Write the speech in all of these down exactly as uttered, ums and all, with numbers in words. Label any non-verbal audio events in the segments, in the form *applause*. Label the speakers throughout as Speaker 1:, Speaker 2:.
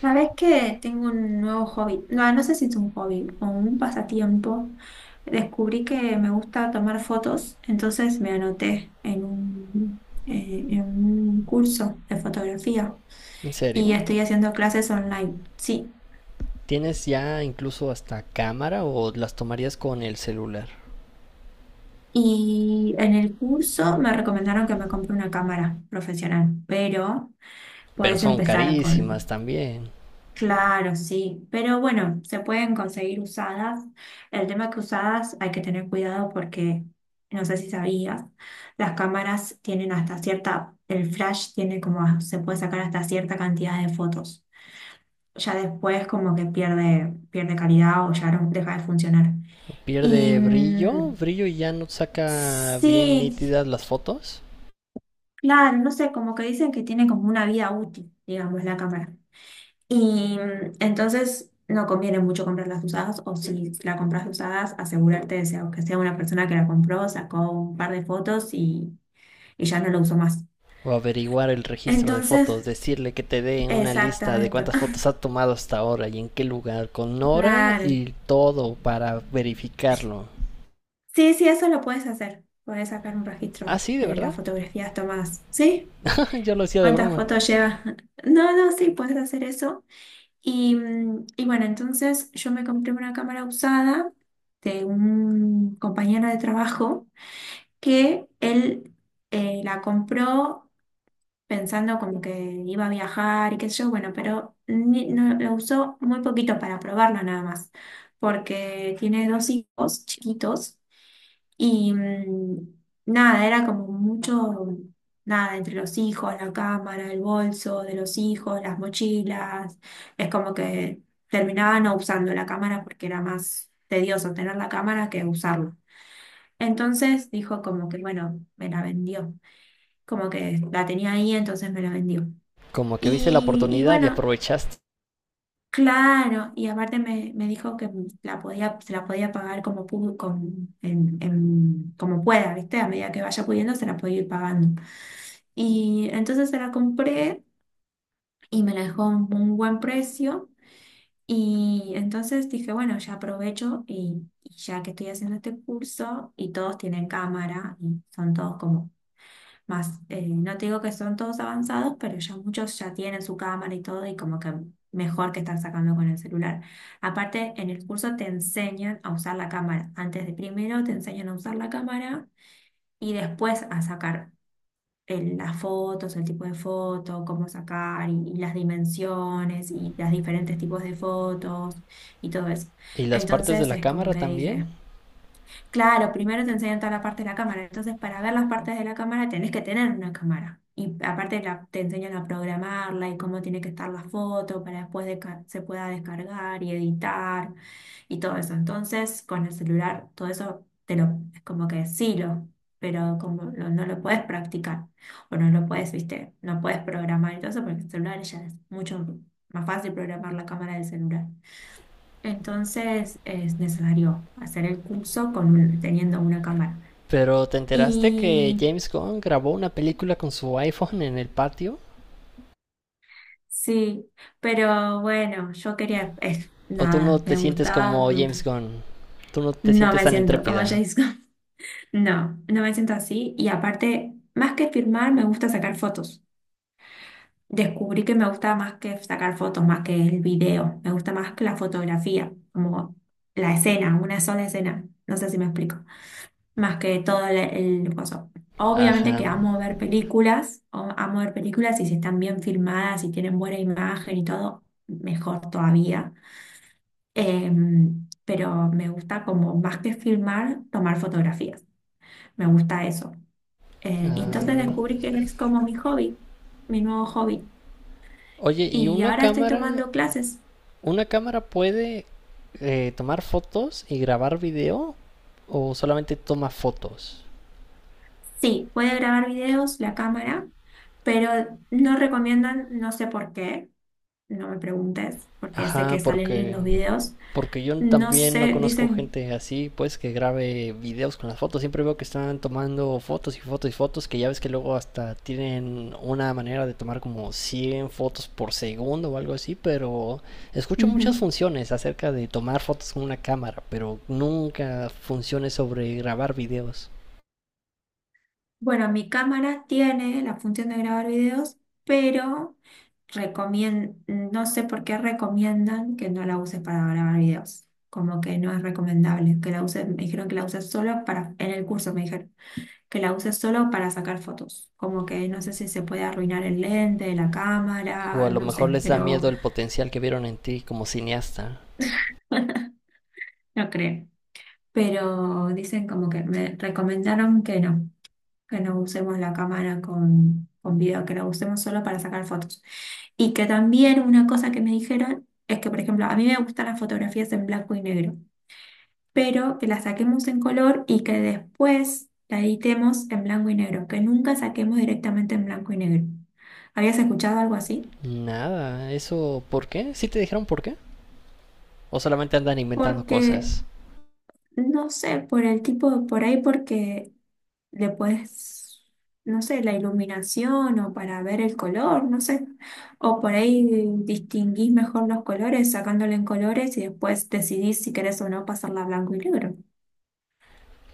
Speaker 1: ¿Sabes que tengo un nuevo hobby? No, no sé si es un hobby o un pasatiempo. Descubrí que me gusta tomar fotos, entonces me anoté en un, eh, en un curso de fotografía
Speaker 2: ¿En
Speaker 1: y
Speaker 2: serio?
Speaker 1: estoy haciendo clases online, sí.
Speaker 2: ¿Tienes ya incluso hasta cámara o las tomarías con el celular?
Speaker 1: Y en el curso me recomendaron que me compre una cámara profesional, pero
Speaker 2: Pero
Speaker 1: puedes
Speaker 2: son
Speaker 1: empezar
Speaker 2: carísimas
Speaker 1: con.
Speaker 2: también.
Speaker 1: Claro, sí, pero bueno, se pueden conseguir usadas. El tema es que usadas hay que tener cuidado porque, no sé si sabías, las cámaras tienen hasta cierta, el flash tiene como, se puede sacar hasta cierta cantidad de fotos. Ya después como que pierde, pierde calidad o ya no deja de funcionar. Y
Speaker 2: ¿Pierde brillo?
Speaker 1: mm,
Speaker 2: ¿Brillo y ya no saca bien
Speaker 1: sí,
Speaker 2: nítidas las fotos?
Speaker 1: claro, no sé, como que dicen que tiene como una vida útil, digamos, la cámara. Y mm, entonces no conviene mucho comprarlas usadas, o si la compras usadas, asegurarte de sea- que sea una persona que la compró, sacó un par de fotos y, y ya no lo usó más.
Speaker 2: O averiguar el registro de
Speaker 1: Entonces,
Speaker 2: fotos, decirle que te dé una lista de
Speaker 1: exactamente,
Speaker 2: cuántas fotos
Speaker 1: *laughs*
Speaker 2: ha tomado hasta ahora y en qué lugar, con hora
Speaker 1: claro.
Speaker 2: y todo para verificarlo.
Speaker 1: Sí, sí, eso lo puedes hacer. Puedes sacar un
Speaker 2: Ah,
Speaker 1: registro
Speaker 2: sí, de
Speaker 1: de
Speaker 2: verdad.
Speaker 1: las fotografías tomadas. ¿Sí?
Speaker 2: *laughs* Yo lo hacía de
Speaker 1: ¿Cuántas
Speaker 2: broma.
Speaker 1: fotos llevas? *laughs* No, no, sí, puedes hacer eso. Y, mm, y bueno, entonces yo me compré una cámara usada de un compañero de trabajo, que él eh, la compró pensando como que iba a viajar y qué sé yo, bueno, pero ni- no, lo usó muy poquito para probarla nada más, porque tiene dos hijos chiquitos y mm, nada, era como mucho, nada, entre los hijos, la cámara, el bolso de los hijos, las mochilas, es como que terminaba no usando la cámara porque era más tedioso tener la cámara que usarla. Entonces dijo como que, bueno, me la vendió, como que la tenía ahí, entonces me la vendió.
Speaker 2: Como que viste la
Speaker 1: Y, y
Speaker 2: oportunidad y
Speaker 1: bueno,
Speaker 2: aprovechaste.
Speaker 1: claro, y aparte me, me dijo que la podía, se la podía pagar como, pu- con- en- en- como pueda, ¿viste? A medida que vaya pudiendo, se la podía ir pagando. Y entonces se la compré y me la dejó un, un buen precio. Y entonces dije, bueno, ya aprovecho y, y ya que estoy haciendo este curso y todos tienen cámara y son todos como. Más, eh, no te digo que son todos avanzados, pero ya muchos ya tienen su cámara y todo, y como que mejor que estar sacando con el celular. Aparte, en el curso te enseñan a usar la cámara. Antes de primero te enseñan a usar la cámara y después a sacar el- las fotos, el tipo de foto, cómo sacar y, y las dimensiones y los diferentes tipos de fotos y todo eso.
Speaker 2: ¿Y las partes de
Speaker 1: Entonces
Speaker 2: la
Speaker 1: es como
Speaker 2: cámara
Speaker 1: que
Speaker 2: también?
Speaker 1: dije. Claro, primero te enseñan toda la parte de la cámara, entonces para ver las partes de la cámara tenés que tener una cámara. Y aparte la- te enseñan a programarla y cómo tiene que estar la foto para después desca- se pueda descargar y editar y todo eso. Entonces con el celular todo eso te lo, es como que sí lo, pero como lo- no lo puedes practicar o no lo puedes, viste, no puedes programar y todo eso porque el celular ya es mucho más fácil programar la cámara del celular. Entonces es necesario hacer el curso con un- teniendo una cámara.
Speaker 2: Pero ¿te enteraste que
Speaker 1: Y
Speaker 2: James Gunn grabó una película con su iPhone en el patio?
Speaker 1: sí, pero bueno, yo quería, eh,
Speaker 2: ¿O tú no
Speaker 1: nada,
Speaker 2: te
Speaker 1: me
Speaker 2: sientes
Speaker 1: gustaba,
Speaker 2: como James
Speaker 1: mm,
Speaker 2: Gunn? ¿Tú no te
Speaker 1: no
Speaker 2: sientes
Speaker 1: me
Speaker 2: tan
Speaker 1: siento como
Speaker 2: intrépida?
Speaker 1: James Gunn. *laughs* No, no me siento así. Y aparte, más que filmar, me gusta sacar fotos. Descubrí que me gusta más que sacar fotos, más que el video, me gusta más que la fotografía, como la escena, una sola escena. No sé si me explico. Más que todo el, el coso. Obviamente que
Speaker 2: Ajá.
Speaker 1: amo ver películas, o- amo ver películas y si están bien filmadas y tienen buena imagen y todo, mejor todavía. Em, pero me gusta como más que filmar, tomar fotografías. Me gusta eso. Eh, y entonces
Speaker 2: Ah.
Speaker 1: descubrí que es como mi hobby, mi nuevo hobby.
Speaker 2: Oye, ¿y
Speaker 1: Y
Speaker 2: una
Speaker 1: ahora estoy
Speaker 2: cámara?
Speaker 1: tomando clases.
Speaker 2: ¿Una cámara puede eh, tomar fotos y grabar video? ¿O solamente toma fotos?
Speaker 1: Sí, puede grabar videos, la cámara, pero no recomiendan, no sé por qué. No me preguntes, porque sé que
Speaker 2: Ajá,
Speaker 1: salen
Speaker 2: porque
Speaker 1: lindos videos.
Speaker 2: porque yo
Speaker 1: No
Speaker 2: también no
Speaker 1: sé,
Speaker 2: conozco
Speaker 1: dicen,
Speaker 2: gente así, pues, que grabe videos con las fotos. Siempre veo que están tomando fotos y fotos y fotos, que ya ves que luego hasta tienen una manera de tomar como cien fotos por segundo o algo así, pero escucho muchas
Speaker 1: ujú.
Speaker 2: funciones acerca de tomar fotos con una cámara, pero nunca funciones sobre grabar videos.
Speaker 1: Bueno, mi cámara tiene la función de grabar videos, pero recomien- no sé por qué recomiendan que no la uses para grabar videos. Como que no es recomendable que la uses, me dijeron que la uses solo para, en el curso me dijeron, que la uses solo para sacar fotos. Como que no sé si se puede arruinar el lente, la
Speaker 2: O
Speaker 1: cámara,
Speaker 2: a lo
Speaker 1: no
Speaker 2: mejor
Speaker 1: sé,
Speaker 2: les da
Speaker 1: pero
Speaker 2: miedo el potencial que vieron en ti como cineasta.
Speaker 1: *laughs* no creo. Pero dicen como que me recomendaron que no, que no usemos la cámara con, con video, que la usemos solo para sacar fotos. Y que también una cosa que me dijeron es que, por ejemplo, a mí me gustan las fotografías en blanco y negro, pero que las saquemos en color y que después la editemos en blanco y negro, que nunca saquemos directamente en blanco y negro. ¿Habías escuchado algo así?
Speaker 2: Nada, eso, ¿por qué? ¿Sí te dijeron por qué? ¿O solamente andan inventando
Speaker 1: Porque,
Speaker 2: cosas?
Speaker 1: no sé, por el tipo, por ahí porque le puedes, no sé, la iluminación o para ver el color, no sé. O por ahí distinguís mejor los colores sacándole en colores y después decidís si querés o no pasarla a blanco y negro.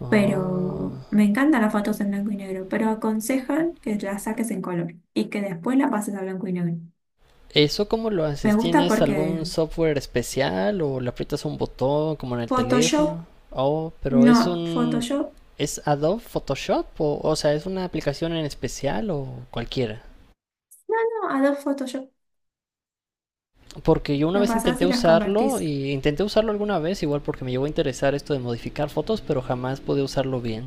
Speaker 2: Ah.
Speaker 1: Pero me encantan las fotos en blanco y negro, pero aconsejan que las saques en color y que después la pases a blanco y negro.
Speaker 2: ¿Eso cómo lo
Speaker 1: Me
Speaker 2: haces?
Speaker 1: gusta
Speaker 2: ¿Tienes algún
Speaker 1: porque
Speaker 2: software especial o le aprietas un botón como en el
Speaker 1: Photoshop,
Speaker 2: teléfono? Oh, pero
Speaker 1: no,
Speaker 2: es un...
Speaker 1: Photoshop,
Speaker 2: ¿Es Adobe Photoshop? O, o sea, ¿es una aplicación en especial o cualquiera?
Speaker 1: no, Adobe Photoshop,
Speaker 2: Porque yo una
Speaker 1: lo
Speaker 2: vez
Speaker 1: pasás
Speaker 2: intenté
Speaker 1: y las
Speaker 2: usarlo
Speaker 1: convertís.
Speaker 2: y intenté usarlo alguna vez igual porque me llegó a interesar esto de modificar fotos, pero jamás pude usarlo bien.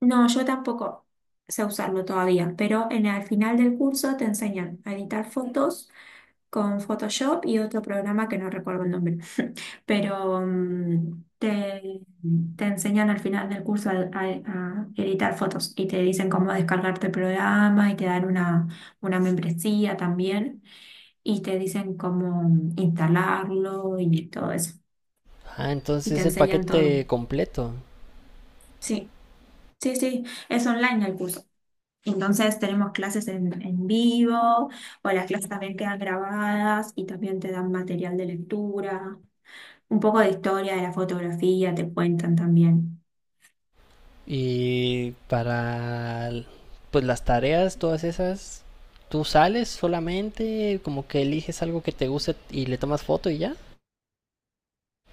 Speaker 1: No, yo tampoco sé usarlo todavía, pero en el final del curso te enseñan a editar fotos con Photoshop y otro programa que no recuerdo el nombre, pero mm, te, te enseñan al final del curso a, a- a editar fotos y te dicen cómo descargarte el programa y te dan una, una membresía también y te dicen cómo instalarlo y todo eso.
Speaker 2: Ah, entonces
Speaker 1: Y te
Speaker 2: es el
Speaker 1: enseñan todo.
Speaker 2: paquete completo.
Speaker 1: Sí, sí, sí, es online el curso. Entonces tenemos clases en, en vivo o las clases también quedan grabadas y también te dan material de lectura, un poco de historia de la fotografía, te cuentan también.
Speaker 2: Y para pues las tareas, todas esas, tú sales solamente, como que eliges algo que te guste y le tomas foto y ya.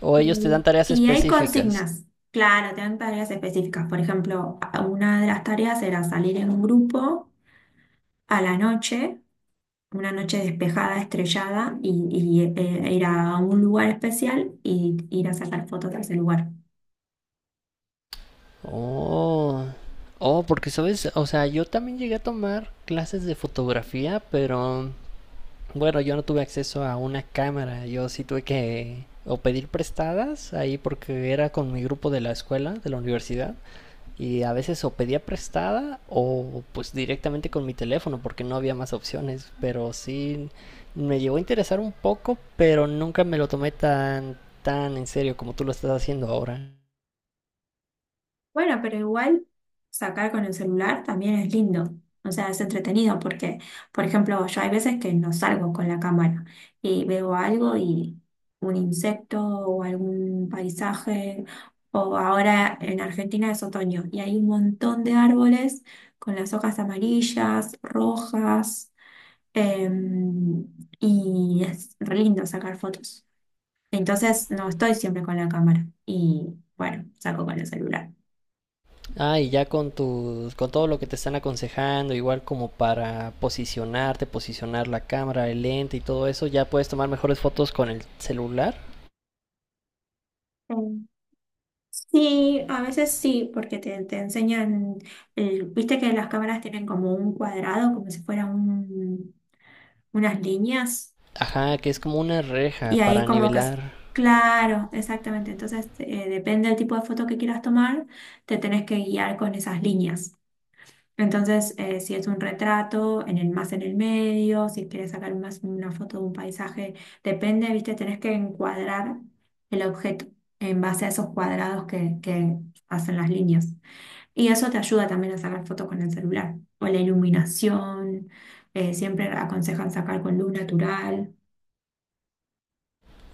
Speaker 2: O ellos te dan
Speaker 1: Y
Speaker 2: tareas
Speaker 1: y hay
Speaker 2: específicas.
Speaker 1: consignas, claro, te dan tareas específicas. Por ejemplo, a- una de las tareas era salir en un grupo a la noche, una noche despejada, estrellada, y, y, eh, ir a un lugar especial y ir a sacar fotos de ese lugar.
Speaker 2: Oh, oh, porque sabes, o sea, yo también llegué a tomar clases de fotografía, pero bueno, yo no tuve acceso a una cámara, yo sí tuve que o pedir prestadas ahí porque era con mi grupo de la escuela, de la universidad. Y a veces o pedía prestada o pues directamente con mi teléfono porque no había más opciones. Pero sí me llegó a interesar un poco, pero nunca me lo tomé tan, tan en serio como tú lo estás haciendo ahora.
Speaker 1: Bueno, pero igual sacar con el celular también es lindo. O sea, es entretenido porque, por ejemplo, yo hay veces que no salgo con la cámara y veo algo y un insecto o algún paisaje. O ahora en Argentina es otoño y hay un montón de árboles con las hojas amarillas, rojas. em, y es re lindo sacar fotos. Entonces no estoy siempre con la cámara y bueno, saco con el celular.
Speaker 2: Ah, y ya con tus, con todo lo que te están aconsejando, igual como para posicionarte, posicionar la cámara, el lente y todo eso, ya puedes tomar mejores fotos con el celular.
Speaker 1: Sí, a veces sí, porque te, te enseñan, el- viste que las cámaras tienen como un cuadrado, como si fueran un- unas líneas,
Speaker 2: Ajá, que es como una reja
Speaker 1: y ahí
Speaker 2: para
Speaker 1: como que es,
Speaker 2: nivelar.
Speaker 1: claro, exactamente, entonces eh, depende del tipo de foto que quieras tomar, te tenés que guiar con esas líneas. Entonces, eh, si es un retrato, en el más en el medio, si quieres sacar más una foto de un paisaje, depende, viste, tenés que encuadrar el objeto en base a esos cuadrados que, que hacen las líneas. Y eso te ayuda también a sacar fotos con el celular. O la iluminación, eh, siempre aconsejan sacar con luz natural.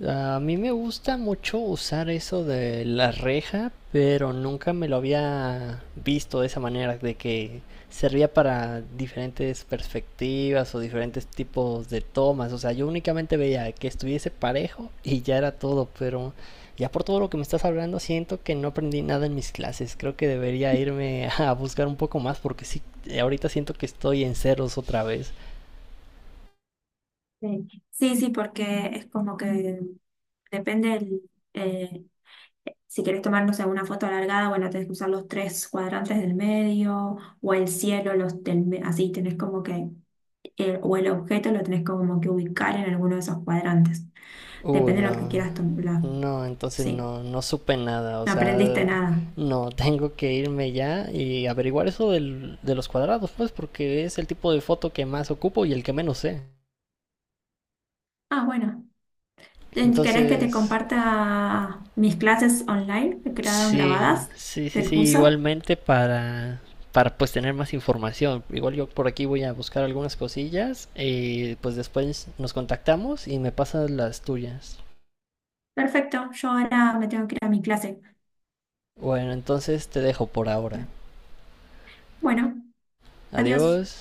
Speaker 2: A mí me gusta mucho usar eso de la reja, pero nunca me lo había visto de esa manera, de que servía para diferentes perspectivas o diferentes tipos de tomas. O sea, yo únicamente veía que estuviese parejo y ya era todo, pero ya por todo lo que me estás hablando siento que no aprendí nada en mis clases. Creo que debería irme a buscar un poco más porque sí, ahorita siento que estoy en ceros otra vez.
Speaker 1: Sí, sí, sí, porque es como que depende el, eh, si querés tomarnos alguna foto alargada, bueno, tenés que usar los tres cuadrantes del medio o el cielo, los del, me- así tenés como que, el- o el objeto lo tenés como que ubicar en alguno de esos cuadrantes.
Speaker 2: Uy,
Speaker 1: Depende de lo que
Speaker 2: no,
Speaker 1: quieras tomar.
Speaker 2: no, entonces
Speaker 1: Sí,
Speaker 2: no, no supe nada, o
Speaker 1: no
Speaker 2: sea,
Speaker 1: aprendiste nada.
Speaker 2: no, *laughs* tengo que irme ya y averiguar eso del- de los cuadrados, pues, porque es el tipo de foto que más ocupo y el que menos sé.
Speaker 1: Ah, bueno. Ten- ¿Querés que te
Speaker 2: Entonces,
Speaker 1: comparta mis clases online que quedaron
Speaker 2: sí,
Speaker 1: grabadas
Speaker 2: sí, sí,
Speaker 1: del
Speaker 2: sí,
Speaker 1: curso?
Speaker 2: igualmente para, para pues tener más información. Igual yo por aquí voy a buscar algunas cosillas y pues después nos contactamos y me pasas las tuyas.
Speaker 1: Perfecto, yo ahora me tengo que ir a mi clase.
Speaker 2: Bueno, entonces te dejo por ahora.
Speaker 1: Bueno, adiós.
Speaker 2: Adiós.